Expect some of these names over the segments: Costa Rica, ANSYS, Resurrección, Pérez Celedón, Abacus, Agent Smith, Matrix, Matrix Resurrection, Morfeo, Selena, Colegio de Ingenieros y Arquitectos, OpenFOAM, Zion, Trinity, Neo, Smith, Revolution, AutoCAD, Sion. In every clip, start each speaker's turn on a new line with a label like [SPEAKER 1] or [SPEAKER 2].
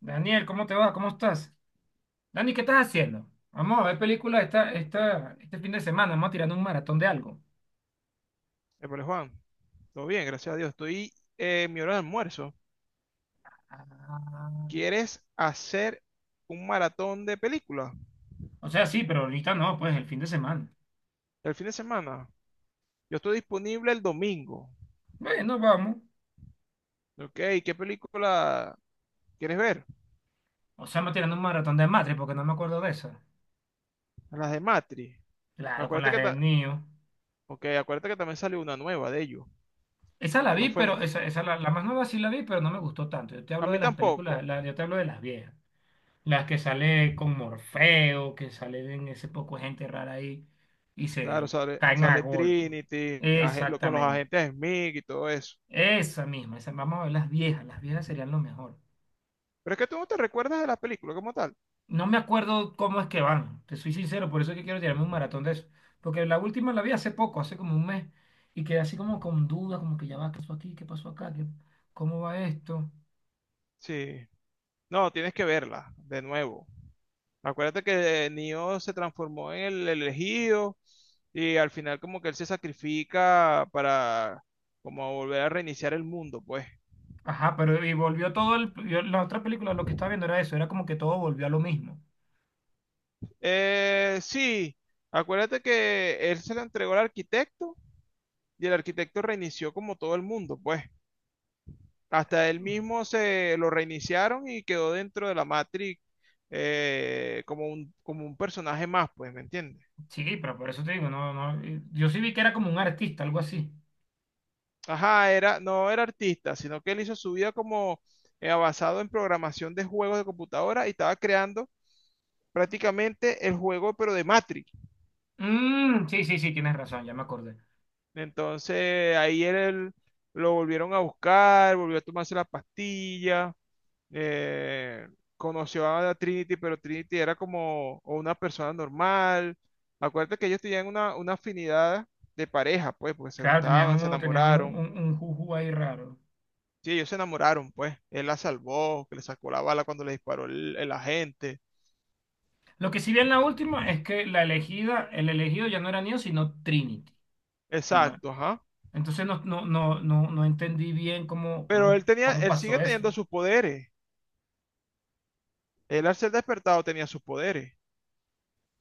[SPEAKER 1] Daniel, ¿cómo te va? ¿Cómo estás? Dani, ¿qué estás haciendo? Vamos a ver películas este fin de semana. Vamos a tirar un maratón de algo.
[SPEAKER 2] Épale, Juan, todo bien, gracias a Dios. Estoy en mi hora de almuerzo.
[SPEAKER 1] Ah.
[SPEAKER 2] ¿Quieres hacer un maratón de películas
[SPEAKER 1] O sea, sí, pero ahorita no, pues el fin de semana.
[SPEAKER 2] el fin de semana? Yo estoy disponible el domingo.
[SPEAKER 1] Bueno, vamos.
[SPEAKER 2] Ok, ¿qué película quieres ver?
[SPEAKER 1] O sea, me tirando un maratón de Matrix porque no me acuerdo de esa.
[SPEAKER 2] Las de Matrix.
[SPEAKER 1] Claro, con
[SPEAKER 2] Acuérdate
[SPEAKER 1] las
[SPEAKER 2] que,
[SPEAKER 1] de
[SPEAKER 2] ta-
[SPEAKER 1] Neo.
[SPEAKER 2] ok, acuérdate que también salió una nueva de ellos,
[SPEAKER 1] Esa la
[SPEAKER 2] que no
[SPEAKER 1] vi,
[SPEAKER 2] fue.
[SPEAKER 1] pero la más nueva sí la vi, pero no me gustó tanto. Yo te
[SPEAKER 2] A
[SPEAKER 1] hablo de
[SPEAKER 2] mí
[SPEAKER 1] las películas,
[SPEAKER 2] tampoco.
[SPEAKER 1] yo te hablo de las viejas. Las que sale con Morfeo, que sale en ese poco de gente rara ahí y
[SPEAKER 2] Claro,
[SPEAKER 1] se
[SPEAKER 2] sale,
[SPEAKER 1] caen a
[SPEAKER 2] sale
[SPEAKER 1] golpe.
[SPEAKER 2] Trinity, con los
[SPEAKER 1] Exactamente.
[SPEAKER 2] agentes Smith y todo eso.
[SPEAKER 1] Esa misma, esa, vamos a ver las viejas serían lo mejor.
[SPEAKER 2] Pero es que tú no te recuerdas de la película como tal.
[SPEAKER 1] No me acuerdo cómo es que van, te soy sincero, por eso es que quiero tirarme un maratón de eso. Porque la última la vi hace poco, hace como un mes, y quedé así como con dudas, como que ya va, ¿qué pasó aquí? ¿Qué pasó acá? ¿Cómo va esto?
[SPEAKER 2] Sí. No, tienes que verla de nuevo. Acuérdate que Neo se transformó en el elegido y al final como que él se sacrifica para como volver a reiniciar el mundo, pues.
[SPEAKER 1] Ajá, pero y volvió todo el, la otra película, lo que estaba viendo era eso, era como que todo volvió a lo mismo.
[SPEAKER 2] Sí, acuérdate que él se la entregó al arquitecto y el arquitecto reinició como todo el mundo, pues. Hasta él mismo se lo reiniciaron y quedó dentro de la Matrix, como un personaje más, pues, ¿me entiendes?
[SPEAKER 1] Sí, pero por eso te digo, no, no, yo sí vi que era como un artista, algo así.
[SPEAKER 2] Ajá, era, no era artista, sino que él hizo su vida como basado en programación de juegos de computadora y estaba creando prácticamente el juego, pero de Matrix.
[SPEAKER 1] Mm, sí, sí, sí, tienes razón, ya me acordé.
[SPEAKER 2] Entonces ahí él, lo volvieron a buscar, volvió a tomarse la pastilla, eh, conoció a la Trinity, pero Trinity era como una persona normal. Acuérdate que ellos tenían una afinidad de pareja, pues, porque se
[SPEAKER 1] Claro, tenían
[SPEAKER 2] gustaban, se
[SPEAKER 1] un, tenían un,
[SPEAKER 2] enamoraron.
[SPEAKER 1] un, un juju ahí raro.
[SPEAKER 2] Sí, ellos se enamoraron, pues. Él la salvó, que le sacó la bala cuando le disparó el agente.
[SPEAKER 1] Lo que sí vi en la última es que la elegida, el elegido ya no era Neo, sino Trinity. y ma-
[SPEAKER 2] Exacto, ajá.
[SPEAKER 1] Entonces no, entendí bien cómo,
[SPEAKER 2] Pero él tenía,
[SPEAKER 1] cómo
[SPEAKER 2] él sigue
[SPEAKER 1] pasó eso.
[SPEAKER 2] teniendo sus poderes. Él al ser despertado tenía sus poderes.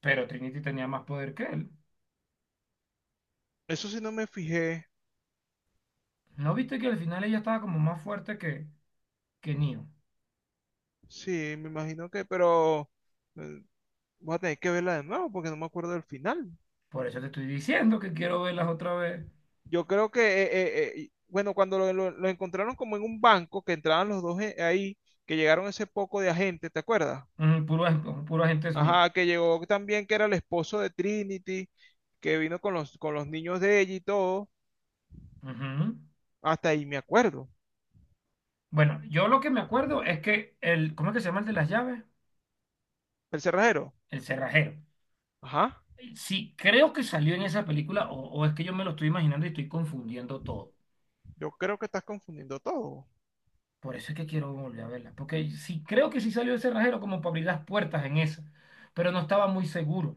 [SPEAKER 1] Pero Trinity tenía más poder que él.
[SPEAKER 2] Eso sí no me fijé.
[SPEAKER 1] ¿No viste que al final ella estaba como más fuerte que Neo?
[SPEAKER 2] Sí, me imagino que, pero eh, voy a tener que verla de nuevo porque no me acuerdo del final.
[SPEAKER 1] Por eso te estoy diciendo que quiero verlas otra vez.
[SPEAKER 2] Yo creo que, bueno, cuando lo encontraron como en un banco, que entraban los dos ahí, que llegaron ese poco de agentes, ¿te acuerdas?
[SPEAKER 1] Mm, puro agente Smith.
[SPEAKER 2] Ajá, que llegó también, que era el esposo de Trinity, que vino con los niños de ella y todo.
[SPEAKER 1] Ujú.
[SPEAKER 2] Hasta ahí me acuerdo.
[SPEAKER 1] Bueno, yo lo que me acuerdo es que el, ¿cómo es que se llama el de las llaves?
[SPEAKER 2] El cerrajero.
[SPEAKER 1] El cerrajero.
[SPEAKER 2] Ajá,
[SPEAKER 1] Sí, creo que salió en esa película, o es que yo me lo estoy imaginando y estoy confundiendo todo.
[SPEAKER 2] yo creo que estás confundiendo todo.
[SPEAKER 1] Por eso es que quiero volver a verla. Porque sí, creo que sí salió ese cerrajero como para abrir las puertas en esa, pero no estaba muy seguro.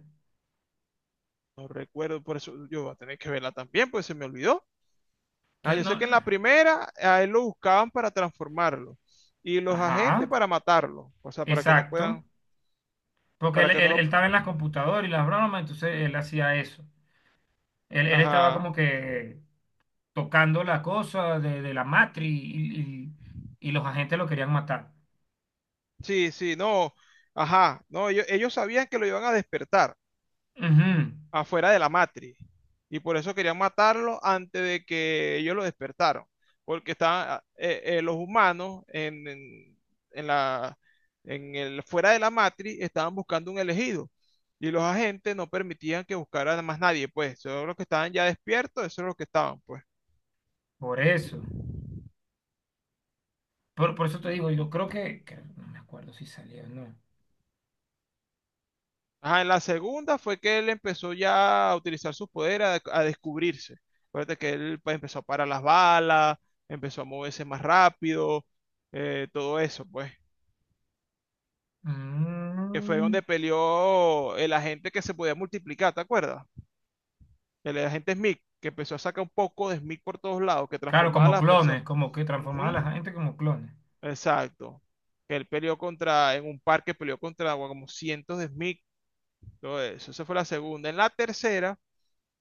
[SPEAKER 2] No recuerdo, por eso yo voy a tener que verla también, pues se me olvidó. Ah,
[SPEAKER 1] Entonces,
[SPEAKER 2] yo sé
[SPEAKER 1] no.
[SPEAKER 2] que en la primera a él lo buscaban para transformarlo y los agentes
[SPEAKER 1] Ajá,
[SPEAKER 2] para matarlo, o sea, para que no
[SPEAKER 1] exacto.
[SPEAKER 2] puedan,
[SPEAKER 1] Porque
[SPEAKER 2] para
[SPEAKER 1] él,
[SPEAKER 2] que
[SPEAKER 1] él-
[SPEAKER 2] no
[SPEAKER 1] él
[SPEAKER 2] lo.
[SPEAKER 1] estaba en las computadoras y las bromas, entonces él hacía eso. Él estaba
[SPEAKER 2] Ajá,
[SPEAKER 1] como que tocando la cosa de la matriz y los agentes lo querían matar.
[SPEAKER 2] sí, sí, no, ajá, no, ellos sabían que lo iban a despertar,
[SPEAKER 1] Ujú.
[SPEAKER 2] afuera de la matriz. Y por eso querían matarlo antes de que ellos lo despertaron. Porque estaban los humanos en la, en el, fuera de la matriz estaban buscando un elegido. Y los agentes no permitían que buscaran a más nadie, pues. Eso es lo que estaban ya despiertos, eso es lo que estaban, pues.
[SPEAKER 1] Por eso. Por eso te digo, yo creo que no me acuerdo si salía o no.
[SPEAKER 2] Ajá, en la segunda fue que él empezó ya a utilizar sus poderes, a descubrirse. Acuérdate que él pues, empezó a parar las balas, empezó a moverse más rápido, todo eso, pues. Que fue
[SPEAKER 1] Mm,
[SPEAKER 2] donde peleó el agente que se podía multiplicar, ¿te acuerdas? El agente Smith, que empezó a sacar un poco de Smith por todos lados, que
[SPEAKER 1] claro,
[SPEAKER 2] transformaba a
[SPEAKER 1] como
[SPEAKER 2] las
[SPEAKER 1] clones,
[SPEAKER 2] personas.
[SPEAKER 1] como que transformaba a
[SPEAKER 2] Ujú,
[SPEAKER 1] la gente como clones.
[SPEAKER 2] exacto. Que él peleó contra, en un parque peleó contra bueno, como cientos de Smith, todo eso. Esa fue la segunda. En la tercera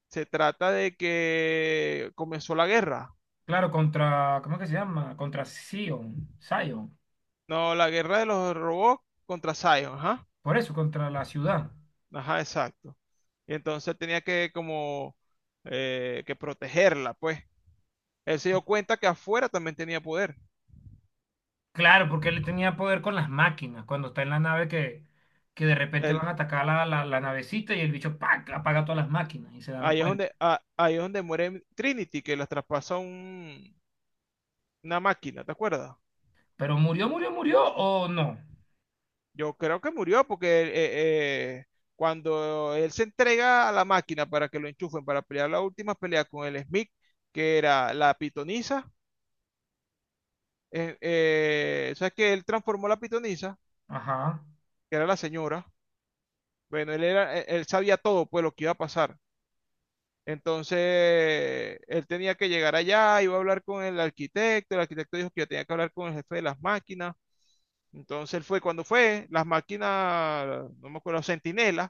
[SPEAKER 2] se trata de que comenzó la guerra.
[SPEAKER 1] Claro, contra, ¿cómo es que se llama? Contra Sion, Sion.
[SPEAKER 2] No, la guerra de los robots contra Zion, ajá.
[SPEAKER 1] Por eso, contra la ciudad.
[SPEAKER 2] Ajá, exacto. Y entonces él tenía que como que protegerla, pues. Él se dio cuenta que afuera también tenía poder.
[SPEAKER 1] Claro, porque él tenía poder con las máquinas, cuando está en la nave que de repente van
[SPEAKER 2] Él-
[SPEAKER 1] a atacar la navecita y el bicho ¡pac! Apaga todas las máquinas y se dan
[SPEAKER 2] ahí es
[SPEAKER 1] cuenta.
[SPEAKER 2] donde, ah, ahí es donde muere Trinity, que la traspasa una máquina, ¿te acuerdas?
[SPEAKER 1] Pero murió, murió, murió o no.
[SPEAKER 2] Yo creo que murió porque cuando él se entrega a la máquina para que lo enchufen para pelear la última pelea con el Smith, que era la pitonisa, ¿sabes que él transformó la pitonisa,
[SPEAKER 1] Ajá.
[SPEAKER 2] que era la señora? Bueno, él era, él él sabía todo, pues lo que iba a pasar. Entonces, él tenía que llegar allá, iba a hablar con el arquitecto dijo que yo tenía que hablar con el jefe de las máquinas. Entonces él fue, cuando fue, las máquinas, no me acuerdo, centinelas,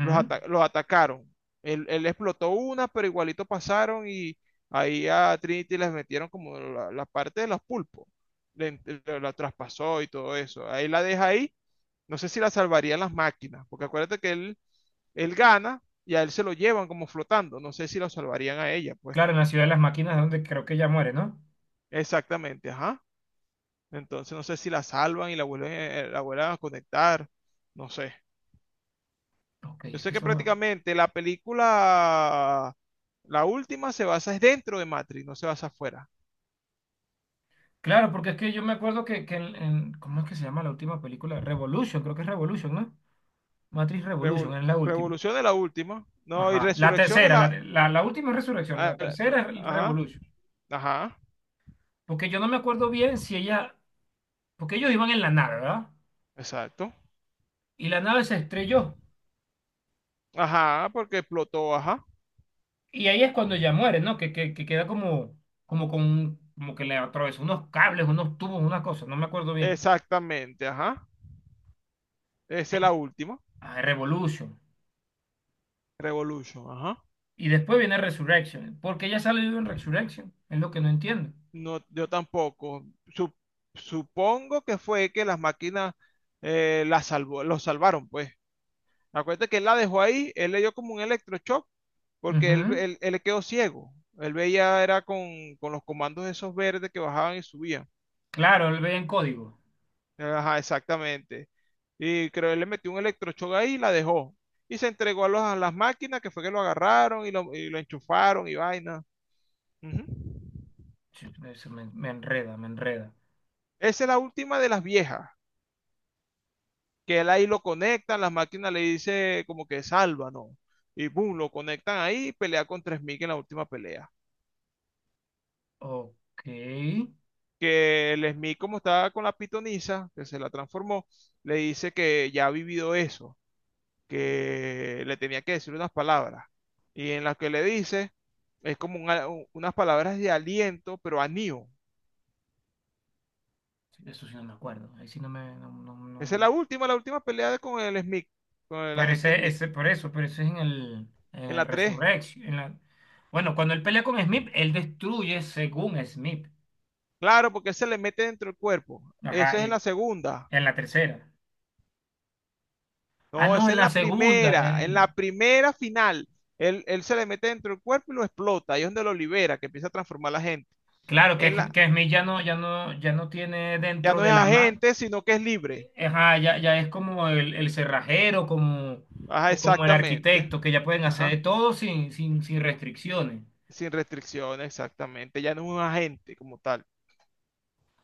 [SPEAKER 2] los, ata- los atacaron. Él explotó una, pero igualito pasaron y ahí a Trinity les metieron como la parte de los pulpos. La traspasó y todo eso. Ahí la deja ahí. No sé si la salvarían las máquinas, porque acuérdate que él gana y a él se lo llevan como flotando. No sé si la salvarían a ella, pues.
[SPEAKER 1] Claro, en la ciudad de las máquinas es donde creo que ella muere, ¿no?
[SPEAKER 2] Exactamente, ajá. Entonces no sé si la salvan y la vuelven a conectar. No sé.
[SPEAKER 1] Ok,
[SPEAKER 2] Yo
[SPEAKER 1] es
[SPEAKER 2] sé
[SPEAKER 1] que
[SPEAKER 2] que
[SPEAKER 1] solo...
[SPEAKER 2] prácticamente la película, la última, se basa es dentro de Matrix, no se basa afuera.
[SPEAKER 1] Claro, porque es que yo me acuerdo que en, ¿cómo es que se llama la última película? Revolution, creo que es Revolution, ¿no? Matrix Revolution,
[SPEAKER 2] Revol-
[SPEAKER 1] es la última.
[SPEAKER 2] Revolución es la última. No, y
[SPEAKER 1] Ajá, la
[SPEAKER 2] Resurrección es
[SPEAKER 1] tercera,
[SPEAKER 2] la.
[SPEAKER 1] la última es Resurrección,
[SPEAKER 2] a-
[SPEAKER 1] la tercera es el
[SPEAKER 2] Ajá,
[SPEAKER 1] Revolution.
[SPEAKER 2] ajá,
[SPEAKER 1] Porque yo no me acuerdo bien si ella, porque ellos iban en la nave, ¿verdad?
[SPEAKER 2] exacto.
[SPEAKER 1] Y la nave se estrelló.
[SPEAKER 2] Ajá, porque explotó, ajá.
[SPEAKER 1] Y ahí es cuando ella muere, ¿no? Que queda como, como con, como que le atravesó unos cables, unos tubos, una cosa, no me acuerdo bien.
[SPEAKER 2] Exactamente, ajá. Esa es
[SPEAKER 1] En-
[SPEAKER 2] la última.
[SPEAKER 1] Revolution.
[SPEAKER 2] Revolution, ajá.
[SPEAKER 1] Y después viene Resurrection. ¿Porque ella sale viva en Resurrection? Es lo que no entiendo.
[SPEAKER 2] No, yo tampoco. Supongo que fue que las máquinas, las salvó, los salvaron, pues. Acuérdate que él la dejó ahí, él le dio como un electroshock, porque él,
[SPEAKER 1] Ujú.
[SPEAKER 2] él, él le quedó ciego. Él veía, era con, los comandos esos verdes que bajaban y subían.
[SPEAKER 1] Claro, él ve en código.
[SPEAKER 2] Ajá, exactamente. Y creo él le metió un electroshock ahí y la dejó. Y se entregó a las máquinas que fue que lo agarraron y lo enchufaron y vaina. Ujú.
[SPEAKER 1] Sí, eso me enreda, me enreda.
[SPEAKER 2] Esa es la última de las viejas, que él ahí lo conectan, las máquinas le dice como que salva, ¿no? Y boom, lo conectan ahí y pelea con 3000 en la última pelea.
[SPEAKER 1] Ok. Sí,
[SPEAKER 2] Que el Smith, como estaba con la pitonisa, que se la transformó, le dice que ya ha vivido eso, que le tenía que decir unas palabras. Y en las que le dice, es como unas palabras de aliento, pero a Neo.
[SPEAKER 1] eso sí no me acuerdo. Ahí sí no me...
[SPEAKER 2] Esa es la última pelea con el Smith, con el
[SPEAKER 1] Pero
[SPEAKER 2] agente
[SPEAKER 1] ese,
[SPEAKER 2] Smith,
[SPEAKER 1] ese, por eso, pero ese es en
[SPEAKER 2] en
[SPEAKER 1] el
[SPEAKER 2] la tres.
[SPEAKER 1] Resurrection. Bueno, cuando él pelea con Smith, él destruye según Smith.
[SPEAKER 2] Claro, porque él se le mete dentro del cuerpo.
[SPEAKER 1] Ajá,
[SPEAKER 2] Esa es en
[SPEAKER 1] y
[SPEAKER 2] la segunda.
[SPEAKER 1] en la tercera. Ah,
[SPEAKER 2] No,
[SPEAKER 1] no,
[SPEAKER 2] esa
[SPEAKER 1] en
[SPEAKER 2] es
[SPEAKER 1] la segunda.
[SPEAKER 2] en la primera final. Él se le mete dentro del cuerpo y lo explota. Ahí es donde lo libera, que empieza a transformar a la gente.
[SPEAKER 1] Claro, que,
[SPEAKER 2] En la,
[SPEAKER 1] que Smith ya no tiene
[SPEAKER 2] ya
[SPEAKER 1] dentro
[SPEAKER 2] no
[SPEAKER 1] de
[SPEAKER 2] es
[SPEAKER 1] la mano.
[SPEAKER 2] agente, sino que es libre.
[SPEAKER 1] Ajá, ya es como el cerrajero, como,
[SPEAKER 2] Ajá,
[SPEAKER 1] o como el
[SPEAKER 2] exactamente.
[SPEAKER 1] arquitecto, que ya pueden hacer de
[SPEAKER 2] Ajá.
[SPEAKER 1] todo sin restricciones.
[SPEAKER 2] Sin restricciones, exactamente. Ya no es un agente como tal.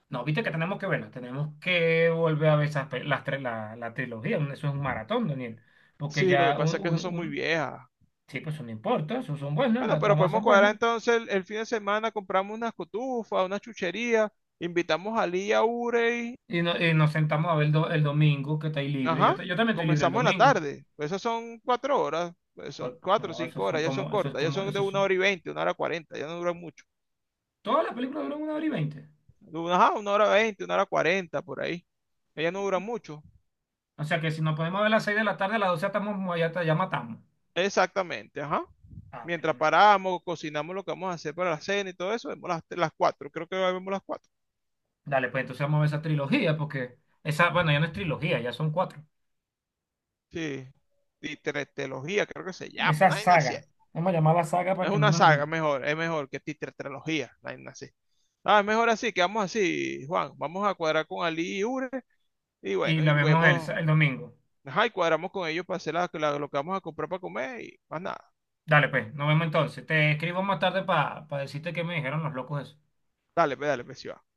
[SPEAKER 1] No, viste que tenemos que verla, tenemos que volver a ver esas, las, la, la trilogía, eso es un maratón, Daniel, porque
[SPEAKER 2] Sí, lo que
[SPEAKER 1] ya
[SPEAKER 2] pasa es que esas son muy viejas.
[SPEAKER 1] sí, pues eso no importa, eso son buenas,
[SPEAKER 2] Bueno,
[SPEAKER 1] las
[SPEAKER 2] pero
[SPEAKER 1] tramas
[SPEAKER 2] podemos
[SPEAKER 1] son
[SPEAKER 2] cuadrar
[SPEAKER 1] buenas,
[SPEAKER 2] entonces el fin de semana, compramos unas cotufas, una chuchería, invitamos a Lía, Urey.
[SPEAKER 1] y, no- y nos sentamos a ver el, el domingo, que está ahí libre, yo,
[SPEAKER 2] Ajá.
[SPEAKER 1] ta- yo también estoy libre el
[SPEAKER 2] Comenzamos en la
[SPEAKER 1] domingo.
[SPEAKER 2] tarde. Pues esas son 4 horas, pues son cuatro o
[SPEAKER 1] No,
[SPEAKER 2] cinco
[SPEAKER 1] esos son
[SPEAKER 2] horas, ya son
[SPEAKER 1] como, esos es
[SPEAKER 2] cortas, ya
[SPEAKER 1] como,
[SPEAKER 2] son de
[SPEAKER 1] esos
[SPEAKER 2] una
[SPEAKER 1] son,
[SPEAKER 2] hora y veinte, 1 hora 40, ya no duran mucho.
[SPEAKER 1] todas las películas duran una hora y 20.
[SPEAKER 2] Ajá, 1 hora 20, 1 hora 40, por ahí. Ellas no duran mucho.
[SPEAKER 1] O sea que si nos podemos ver a las 6 de la tarde, a las 12 ya, estamos, ya matamos.
[SPEAKER 2] Exactamente, ajá.
[SPEAKER 1] Ah,
[SPEAKER 2] Mientras
[SPEAKER 1] bueno.
[SPEAKER 2] paramos, cocinamos lo que vamos a hacer para la cena y todo eso, vemos las cuatro, creo que vemos las cuatro.
[SPEAKER 1] Dale, pues entonces vamos a ver esa trilogía, porque esa, bueno, ya no es trilogía, ya son cuatro.
[SPEAKER 2] Sí. Y creo que se llama.
[SPEAKER 1] Esa
[SPEAKER 2] No hay nada así.
[SPEAKER 1] saga. Vamos a llamarla saga para
[SPEAKER 2] Es
[SPEAKER 1] que no
[SPEAKER 2] una
[SPEAKER 1] nos...
[SPEAKER 2] saga mejor, es mejor que titretralogía, no hay nada así. Ah, es mejor así, quedamos así, Juan. Vamos a cuadrar con Ali y Ure. Y
[SPEAKER 1] Y
[SPEAKER 2] bueno,
[SPEAKER 1] la
[SPEAKER 2] y
[SPEAKER 1] vemos el,
[SPEAKER 2] vemos,
[SPEAKER 1] el domingo.
[SPEAKER 2] ajá, y cuadramos con ellos para hacer lo que vamos a comprar para comer y más nada.
[SPEAKER 1] Dale, pues, nos vemos entonces. Te escribo más tarde para decirte qué me dijeron los locos eso.
[SPEAKER 2] Dale, pues, sí va.